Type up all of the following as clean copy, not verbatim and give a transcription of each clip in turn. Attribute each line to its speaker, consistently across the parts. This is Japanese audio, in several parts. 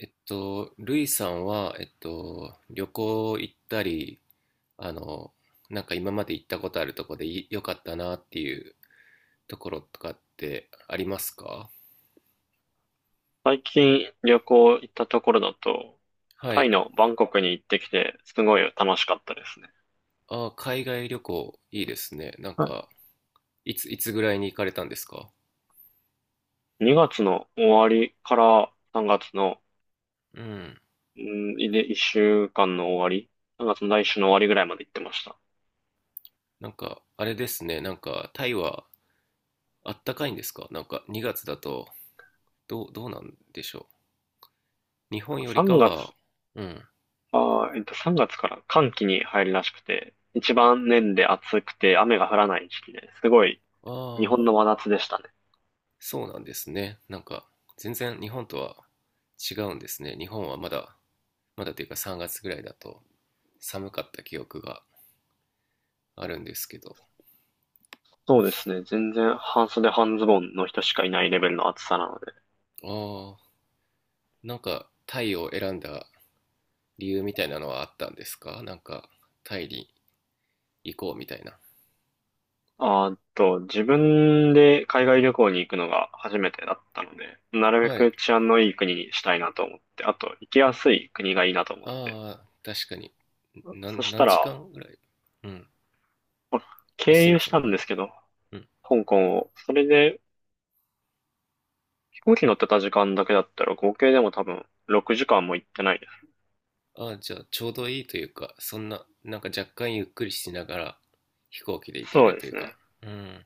Speaker 1: ルイさんは、旅行行ったり、あの、なんか今まで行ったことあるとこで良かったなっていうところとかってありますか？
Speaker 2: 最近旅行行ったところだと、
Speaker 1: は
Speaker 2: タイ
Speaker 1: い。
Speaker 2: のバンコクに行ってきて、すごい楽しかったですね。
Speaker 1: あー、海外旅行いいですね。なんか、
Speaker 2: は
Speaker 1: いつぐらいに行かれたんですか？
Speaker 2: い。2月の終わりから3月の、
Speaker 1: うん。
Speaker 2: うん、1週間の終わり、3月の来週の終わりぐらいまで行ってました。
Speaker 1: なんか、あれですね。なんか、タイはあったかいんですか？なんか、2月だと、どうなんでしょう。日本よりか
Speaker 2: 3月、あ
Speaker 1: は、うん。
Speaker 2: ー、えっと、3月から寒気に入るらしくて、一番年で暑くて雨が降らない時期ですごい日本
Speaker 1: あ、
Speaker 2: の真夏でしたね。
Speaker 1: そうなんですね。なんか、全然日本とは違うんですね。日本はまだ、まだというか3月ぐらいだと寒かった記憶があるんですけど。
Speaker 2: そうですね。全然半袖半ズボンの人しかいないレベルの暑さなので。
Speaker 1: ああ、なんかタイを選んだ理由みたいなのはあったんですか？なんか、タイに行こうみたいな。
Speaker 2: あーっと、自分で海外旅行に行くのが初めてだったので、なるべ
Speaker 1: は
Speaker 2: く
Speaker 1: い。
Speaker 2: 治安のいい国にしたいなと思って、あと、行きやすい国がいいなと思って。
Speaker 1: ああ、確かに。
Speaker 2: そし
Speaker 1: 何
Speaker 2: た
Speaker 1: 時
Speaker 2: ら、
Speaker 1: 間ぐらい、うん。
Speaker 2: まあ
Speaker 1: あ、す
Speaker 2: 経
Speaker 1: いま
Speaker 2: 由し
Speaker 1: せん。
Speaker 2: た
Speaker 1: う
Speaker 2: んで
Speaker 1: ん。
Speaker 2: すけど、
Speaker 1: うん。
Speaker 2: 香港を。それで、飛行機乗ってた時間だけだったら、合計でも多分6時間も行ってないです。
Speaker 1: ああ、じゃあちょうどいいというか、そんな、なんか若干ゆっくりしながら飛行機で行け
Speaker 2: そう
Speaker 1: る
Speaker 2: で
Speaker 1: という
Speaker 2: す
Speaker 1: か。
Speaker 2: ね。
Speaker 1: うん。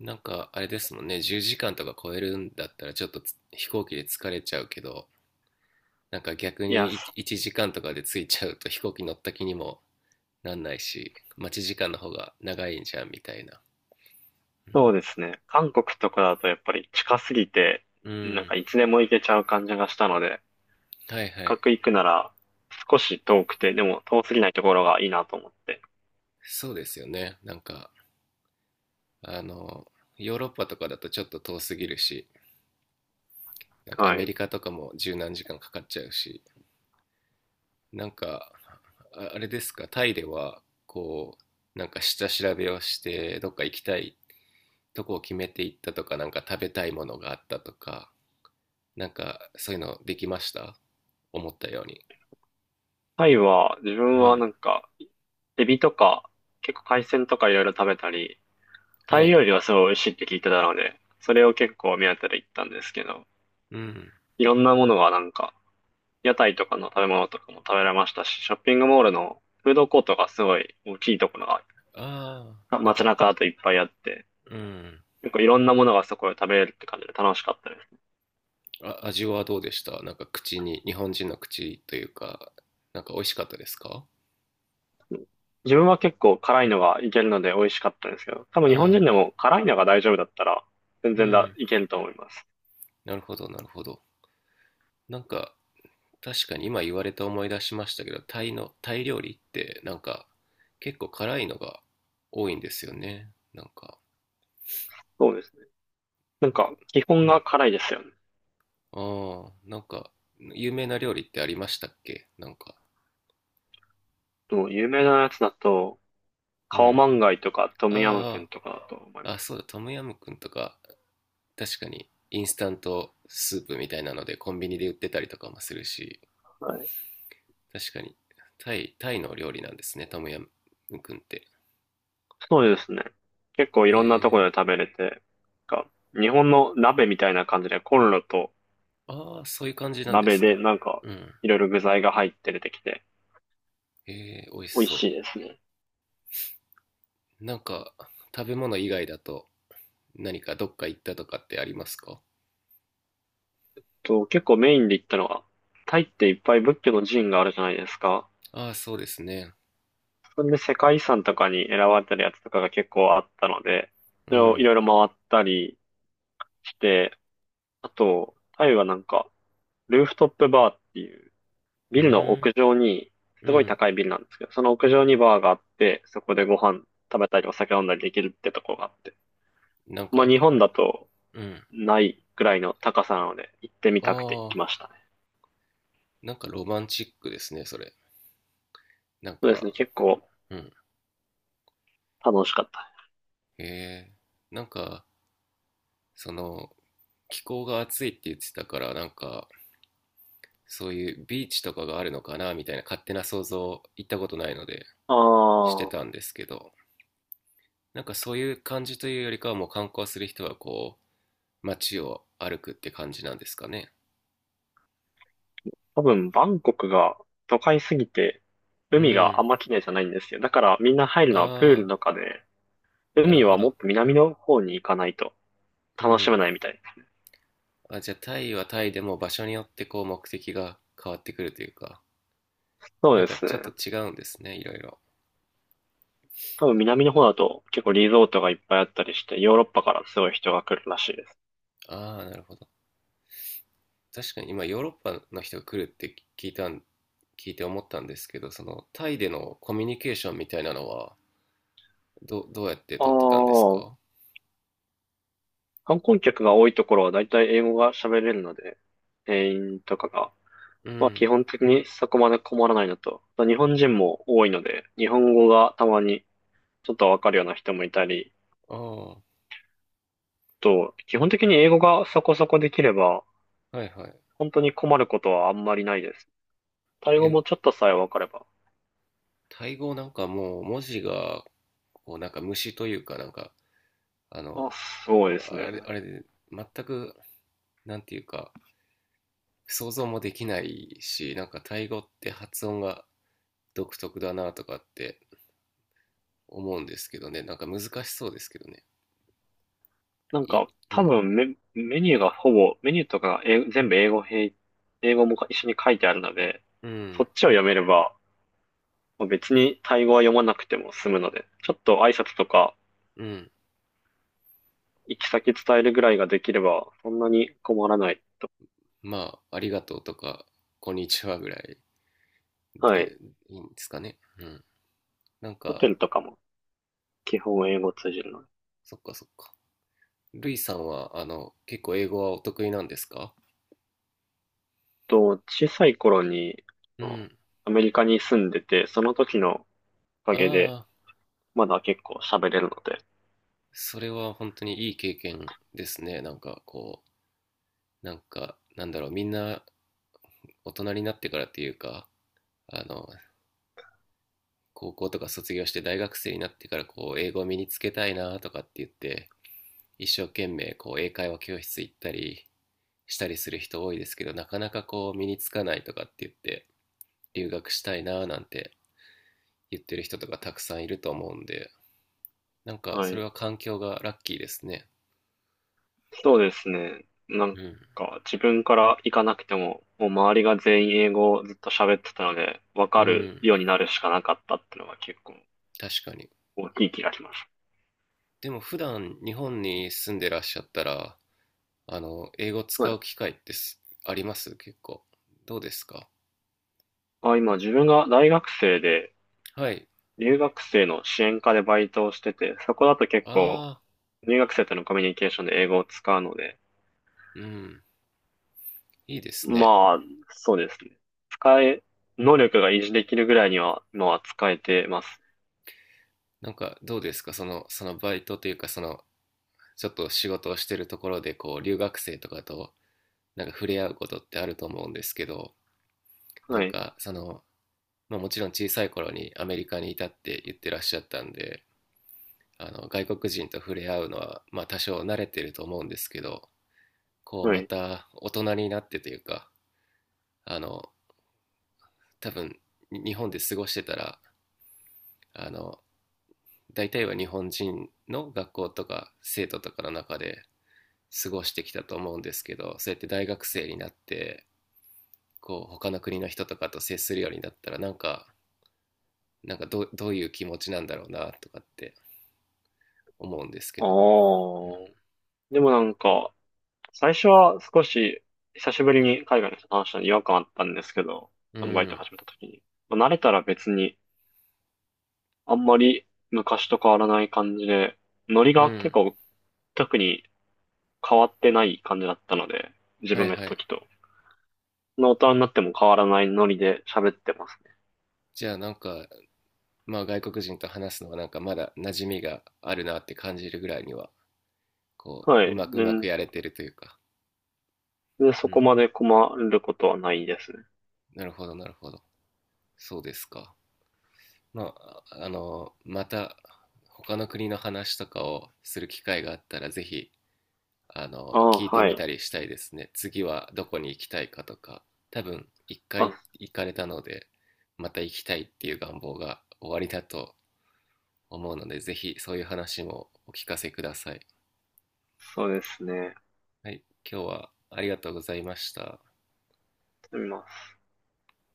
Speaker 1: なんかあれですもんね、10時間とか超えるんだったらちょっと飛行機で疲れちゃうけど、なんか逆
Speaker 2: いや、
Speaker 1: に1時間とかで着いちゃうと飛行機乗った気にもなんないし、待ち時間の方が長いんじゃんみたいな。う
Speaker 2: そ
Speaker 1: ん。
Speaker 2: うですね。韓国とかだとやっぱり近すぎて、
Speaker 1: う
Speaker 2: なん
Speaker 1: ん。
Speaker 2: かいつでも行けちゃう感じがしたので、
Speaker 1: はいはい。
Speaker 2: 角行くなら少し遠くて、でも遠すぎないところがいいなと思って。
Speaker 1: そうですよね。なんか、あの、ヨーロッパとかだとちょっと遠すぎるし、なんかア
Speaker 2: は
Speaker 1: メ
Speaker 2: い。
Speaker 1: リカとかも十何時間かかっちゃうし、なんか、あ、あれですか、タイでは、こう、なんか下調べをして、どっか行きたいとこを決めていったとか、なんか食べたいものがあったとか、なんかそういうのできました思ったように。
Speaker 2: タイは、自分
Speaker 1: う
Speaker 2: は
Speaker 1: ん。
Speaker 2: なんか、エビとか、結構海鮮とかいろいろ食べたり、タ
Speaker 1: は
Speaker 2: イ料
Speaker 1: い。
Speaker 2: 理はすごい美味しいって聞いてたので、それを結構目当てで行ったんですけど、
Speaker 1: うん。
Speaker 2: いろんなものがなんか、屋台とかの食べ物とかも食べられましたし、ショッピングモールのフードコートがすごい大きいところ
Speaker 1: ああ、
Speaker 2: が、
Speaker 1: なん
Speaker 2: 街
Speaker 1: か、
Speaker 2: 中だといっぱいあって、
Speaker 1: うん。
Speaker 2: 結構いろんなものがそこで食べれるって感じで楽しかったです。
Speaker 1: あ、味はどうでした？なんか口に、日本人の口というか、なんか美味しかったですか？
Speaker 2: 自分は結構辛いのがいけるので美味しかったんですけど、多分日本
Speaker 1: ああ、
Speaker 2: 人でも辛いのが大丈夫だったら全
Speaker 1: う
Speaker 2: 然だ、
Speaker 1: ん。
Speaker 2: いけると思います。
Speaker 1: なるほど、なるほど。なんか、確かに今言われて思い出しましたけど、タイ料理ってなんか結構辛いのが多いんですよね。なんか、
Speaker 2: そうですね。なんか基
Speaker 1: う
Speaker 2: 本が
Speaker 1: ん。
Speaker 2: 辛いですよね。
Speaker 1: ああ、なんか、有名な料理ってありましたっけ？なんか。
Speaker 2: もう有名なやつだと、
Speaker 1: う
Speaker 2: カオ
Speaker 1: ん。
Speaker 2: マンガイとかトムヤムクン
Speaker 1: あ
Speaker 2: とかだと思い
Speaker 1: あ、
Speaker 2: ま
Speaker 1: あ、
Speaker 2: す。
Speaker 1: そうだ、トムヤムクンとか、確かに、インスタントスープみたいなので、コンビニで売ってたりとかもするし、
Speaker 2: はい。
Speaker 1: 確かに、タイの料理なんですね、トムヤムクンって。
Speaker 2: そうですね。結構い
Speaker 1: へ
Speaker 2: ろんなとこ
Speaker 1: え。
Speaker 2: ろで食べれて、なんか日本の鍋みたいな感じでコンロと
Speaker 1: ああ、そういう感じなんで
Speaker 2: 鍋
Speaker 1: すね。
Speaker 2: でなんか
Speaker 1: うん。
Speaker 2: いろいろ具材が入って出てきて
Speaker 1: へえ、美味し
Speaker 2: 美味
Speaker 1: そ
Speaker 2: しいですね。
Speaker 1: う。なんか、食べ物以外だと、何かどっか行ったとかってありますか？
Speaker 2: と、結構メインで行ったのは、タイっていっぱい仏教の寺院があるじゃないですか。
Speaker 1: ああ、そうですね。
Speaker 2: それで世界遺産とかに選ばれてるやつとかが結構あったので、そ
Speaker 1: う
Speaker 2: れをい
Speaker 1: ん。
Speaker 2: ろいろ回ったりして、あと、タイはなんか、ルーフトップバーっていう、
Speaker 1: う
Speaker 2: ビルの
Speaker 1: ん。
Speaker 2: 屋上に、
Speaker 1: う
Speaker 2: すごい
Speaker 1: ん。
Speaker 2: 高いビルなんですけど、その屋上にバーがあって、そこでご飯食べたりお酒飲んだりできるってとこがあって。
Speaker 1: なん
Speaker 2: まあ日
Speaker 1: か、
Speaker 2: 本だと
Speaker 1: うん。
Speaker 2: ないぐらいの高さなので、行ってみ
Speaker 1: あ
Speaker 2: たくて行き
Speaker 1: あ、
Speaker 2: ましたね。
Speaker 1: なんかロマンチックですね、それ。なん
Speaker 2: そうですね、
Speaker 1: か、
Speaker 2: 結構
Speaker 1: うん。
Speaker 2: 楽しかったね。
Speaker 1: へえ。なんか、その、気候が暑いって言ってたから、なんか、そういうビーチとかがあるのかな、みたいな勝手な想像、行ったことないので、して
Speaker 2: ああ。
Speaker 1: たんですけど、なんかそういう感じというよりかは、もう観光する人はこう、街を歩くって感じなんですかね。
Speaker 2: 多分、バンコクが都会すぎて、
Speaker 1: う
Speaker 2: 海があ
Speaker 1: ん。
Speaker 2: んま綺麗じゃないんですよ。だから、みんな入るのはプール
Speaker 1: ああ、
Speaker 2: とかで、
Speaker 1: なる
Speaker 2: 海
Speaker 1: ほ
Speaker 2: はもっ
Speaker 1: ど。
Speaker 2: と南の方に行かないと
Speaker 1: う
Speaker 2: 楽しめ
Speaker 1: ん。
Speaker 2: ないみたいですね。
Speaker 1: あ、じゃあタイはタイでも場所によってこう目的が変わってくるというか。
Speaker 2: そう
Speaker 1: なん
Speaker 2: で
Speaker 1: か
Speaker 2: す
Speaker 1: ち
Speaker 2: ね。
Speaker 1: ょっと違うんですね、いろいろ。
Speaker 2: 多分、南の方だと結構リゾートがいっぱいあったりして、ヨーロッパからすごい人が来るらしいです。
Speaker 1: ああ、なるほど。確かに今ヨーロッパの人が来るって聞いて思ったんですけど、そのタイでのコミュニケーションみたいなのはどうやって
Speaker 2: あ
Speaker 1: 取ってたんです
Speaker 2: あ、
Speaker 1: か？
Speaker 2: 観光客が多いところは大体英語が喋れるので、店員とかが。
Speaker 1: う
Speaker 2: まあ基
Speaker 1: ん。
Speaker 2: 本的にそこまで困らないのと、日本人も多いので、日本語がたまにちょっとわかるような人もいたり、
Speaker 1: ああ、は
Speaker 2: と、基本的に英語がそこそこできれば、
Speaker 1: いはい。
Speaker 2: 本当に困ることはあんまりないです。タイ語
Speaker 1: え、
Speaker 2: もちょっとさえわかれば。
Speaker 1: タイ語なんかもう文字がこうなんか虫というかなんかあの、
Speaker 2: あ、そうですね。
Speaker 1: あれで全くなんていうか想像もできないし、なんかタイ語って発音が独特だなとかって思うんですけどね。なんか難しそうですけどね。
Speaker 2: なん
Speaker 1: い
Speaker 2: か、
Speaker 1: う
Speaker 2: 多
Speaker 1: ん。
Speaker 2: 分メニューがほぼ、メニューとかが全部英語英語も一緒に書いてあるので、
Speaker 1: う
Speaker 2: そ
Speaker 1: ん。
Speaker 2: っちを読めれば、まあ別にタイ語は読まなくても済むので、ちょっと挨拶とか、
Speaker 1: うん。
Speaker 2: 行き先伝えるぐらいができれば、そんなに困らない。
Speaker 1: まあ、ありがとうとか、こんにちはぐらい
Speaker 2: はい。
Speaker 1: でいいんですかね。うん。なん
Speaker 2: ホテ
Speaker 1: か、
Speaker 2: ルとかも基本英語通じるので。
Speaker 1: そっかそっか。ルイさんは、結構英語はお得意なんですか？
Speaker 2: と、小さい頃に、
Speaker 1: う
Speaker 2: あの
Speaker 1: ん。
Speaker 2: アメリカに住んでて、その時のおか
Speaker 1: あ
Speaker 2: げで、
Speaker 1: あ、
Speaker 2: まだ結構喋れるので、
Speaker 1: それは本当にいい経験ですね。なんかこう、なんか、なんだろう、みんな大人になってからっていうか、あの、高校とか卒業して大学生になってからこう、英語を身につけたいなとかって言って、一生懸命こう英会話教室行ったりしたりする人多いですけどなかなかこう身につかないとかって言って留学したいななんて言ってる人とかたくさんいると思うんで、なんか
Speaker 2: は
Speaker 1: それ
Speaker 2: い。
Speaker 1: は環境がラッキーですね。
Speaker 2: そうですね。なん
Speaker 1: うん。
Speaker 2: か、自分から行かなくても、もう周りが全員英語をずっと喋ってたので、わ
Speaker 1: う
Speaker 2: かる
Speaker 1: ん。
Speaker 2: ようになるしかなかったっていうのが結構
Speaker 1: 確かに。
Speaker 2: 大きい気がします。
Speaker 1: でも普段日本に住んでらっしゃったらあの英語
Speaker 2: は
Speaker 1: 使う
Speaker 2: い。
Speaker 1: 機会ってあります？結構どうですか？
Speaker 2: あ、今、自分が大学生で、
Speaker 1: はい。
Speaker 2: 留学生の支援課でバイトをしてて、そこだと結構、
Speaker 1: ああ。
Speaker 2: 留学生とのコミュニケーションで英語を使うので、
Speaker 1: ーうん。いいですね。
Speaker 2: まあ、そうですね。使え、能力が維持できるぐらいには、今は使えてます。
Speaker 1: なんかどうですか？そのバイトというかそのちょっと仕事をしてるところでこう留学生とかとなんか触れ合うことってあると思うんですけど、な
Speaker 2: は
Speaker 1: ん
Speaker 2: い。
Speaker 1: かその、まあ、もちろん小さい頃にアメリカにいたって言ってらっしゃったんであの外国人と触れ合うのはまあ多少慣れてると思うんですけど、こう
Speaker 2: は
Speaker 1: ま
Speaker 2: い。
Speaker 1: た大人になってというか、あの、多分日本で過ごしてたらあの大体は日本人の学校とか生徒とかの中で過ごしてきたと思うんですけど、そうやって大学生になってこう他の国の人とかと接するようになったらなんか、なんかどういう気持ちなんだろうなとかって思うんですけ
Speaker 2: ああ。
Speaker 1: ど。
Speaker 2: でもなんか、最初は少し、久しぶりに海外の人と話したのに違和感あったんですけど、
Speaker 1: う
Speaker 2: バイト
Speaker 1: ん。
Speaker 2: 始めた時に。まあ、慣れたら別に、あんまり昔と変わらない感じで、ノリ
Speaker 1: うん、う
Speaker 2: が結
Speaker 1: ん、
Speaker 2: 構、特に変わってない感じだったので、自
Speaker 1: はい
Speaker 2: 分がいた
Speaker 1: はい。
Speaker 2: 時と。大人になっても変わらないノリで喋ってますね。
Speaker 1: じゃあなんか、まあ外国人と話すのはなんかまだ馴染みがあるなって感じるぐらいにはこ
Speaker 2: は
Speaker 1: う
Speaker 2: い。
Speaker 1: うまくやれてるというか。う
Speaker 2: そこ
Speaker 1: ん。
Speaker 2: まで困ることはないですね。
Speaker 1: なるほどなるほど。そうですか。まああのまた他の国の話とかをする機会があったらぜひあの、
Speaker 2: ああ、
Speaker 1: 聞いて
Speaker 2: は
Speaker 1: み
Speaker 2: い。
Speaker 1: たりしたいですね。次はどこに行きたいかとか、多分一回
Speaker 2: あ、
Speaker 1: 行かれたので、また行きたいっていう願望が終わりだと思うので、ぜひそういう話もお聞かせください。
Speaker 2: そうですね。やっ
Speaker 1: はい、今日はありがとうございました。
Speaker 2: てみます。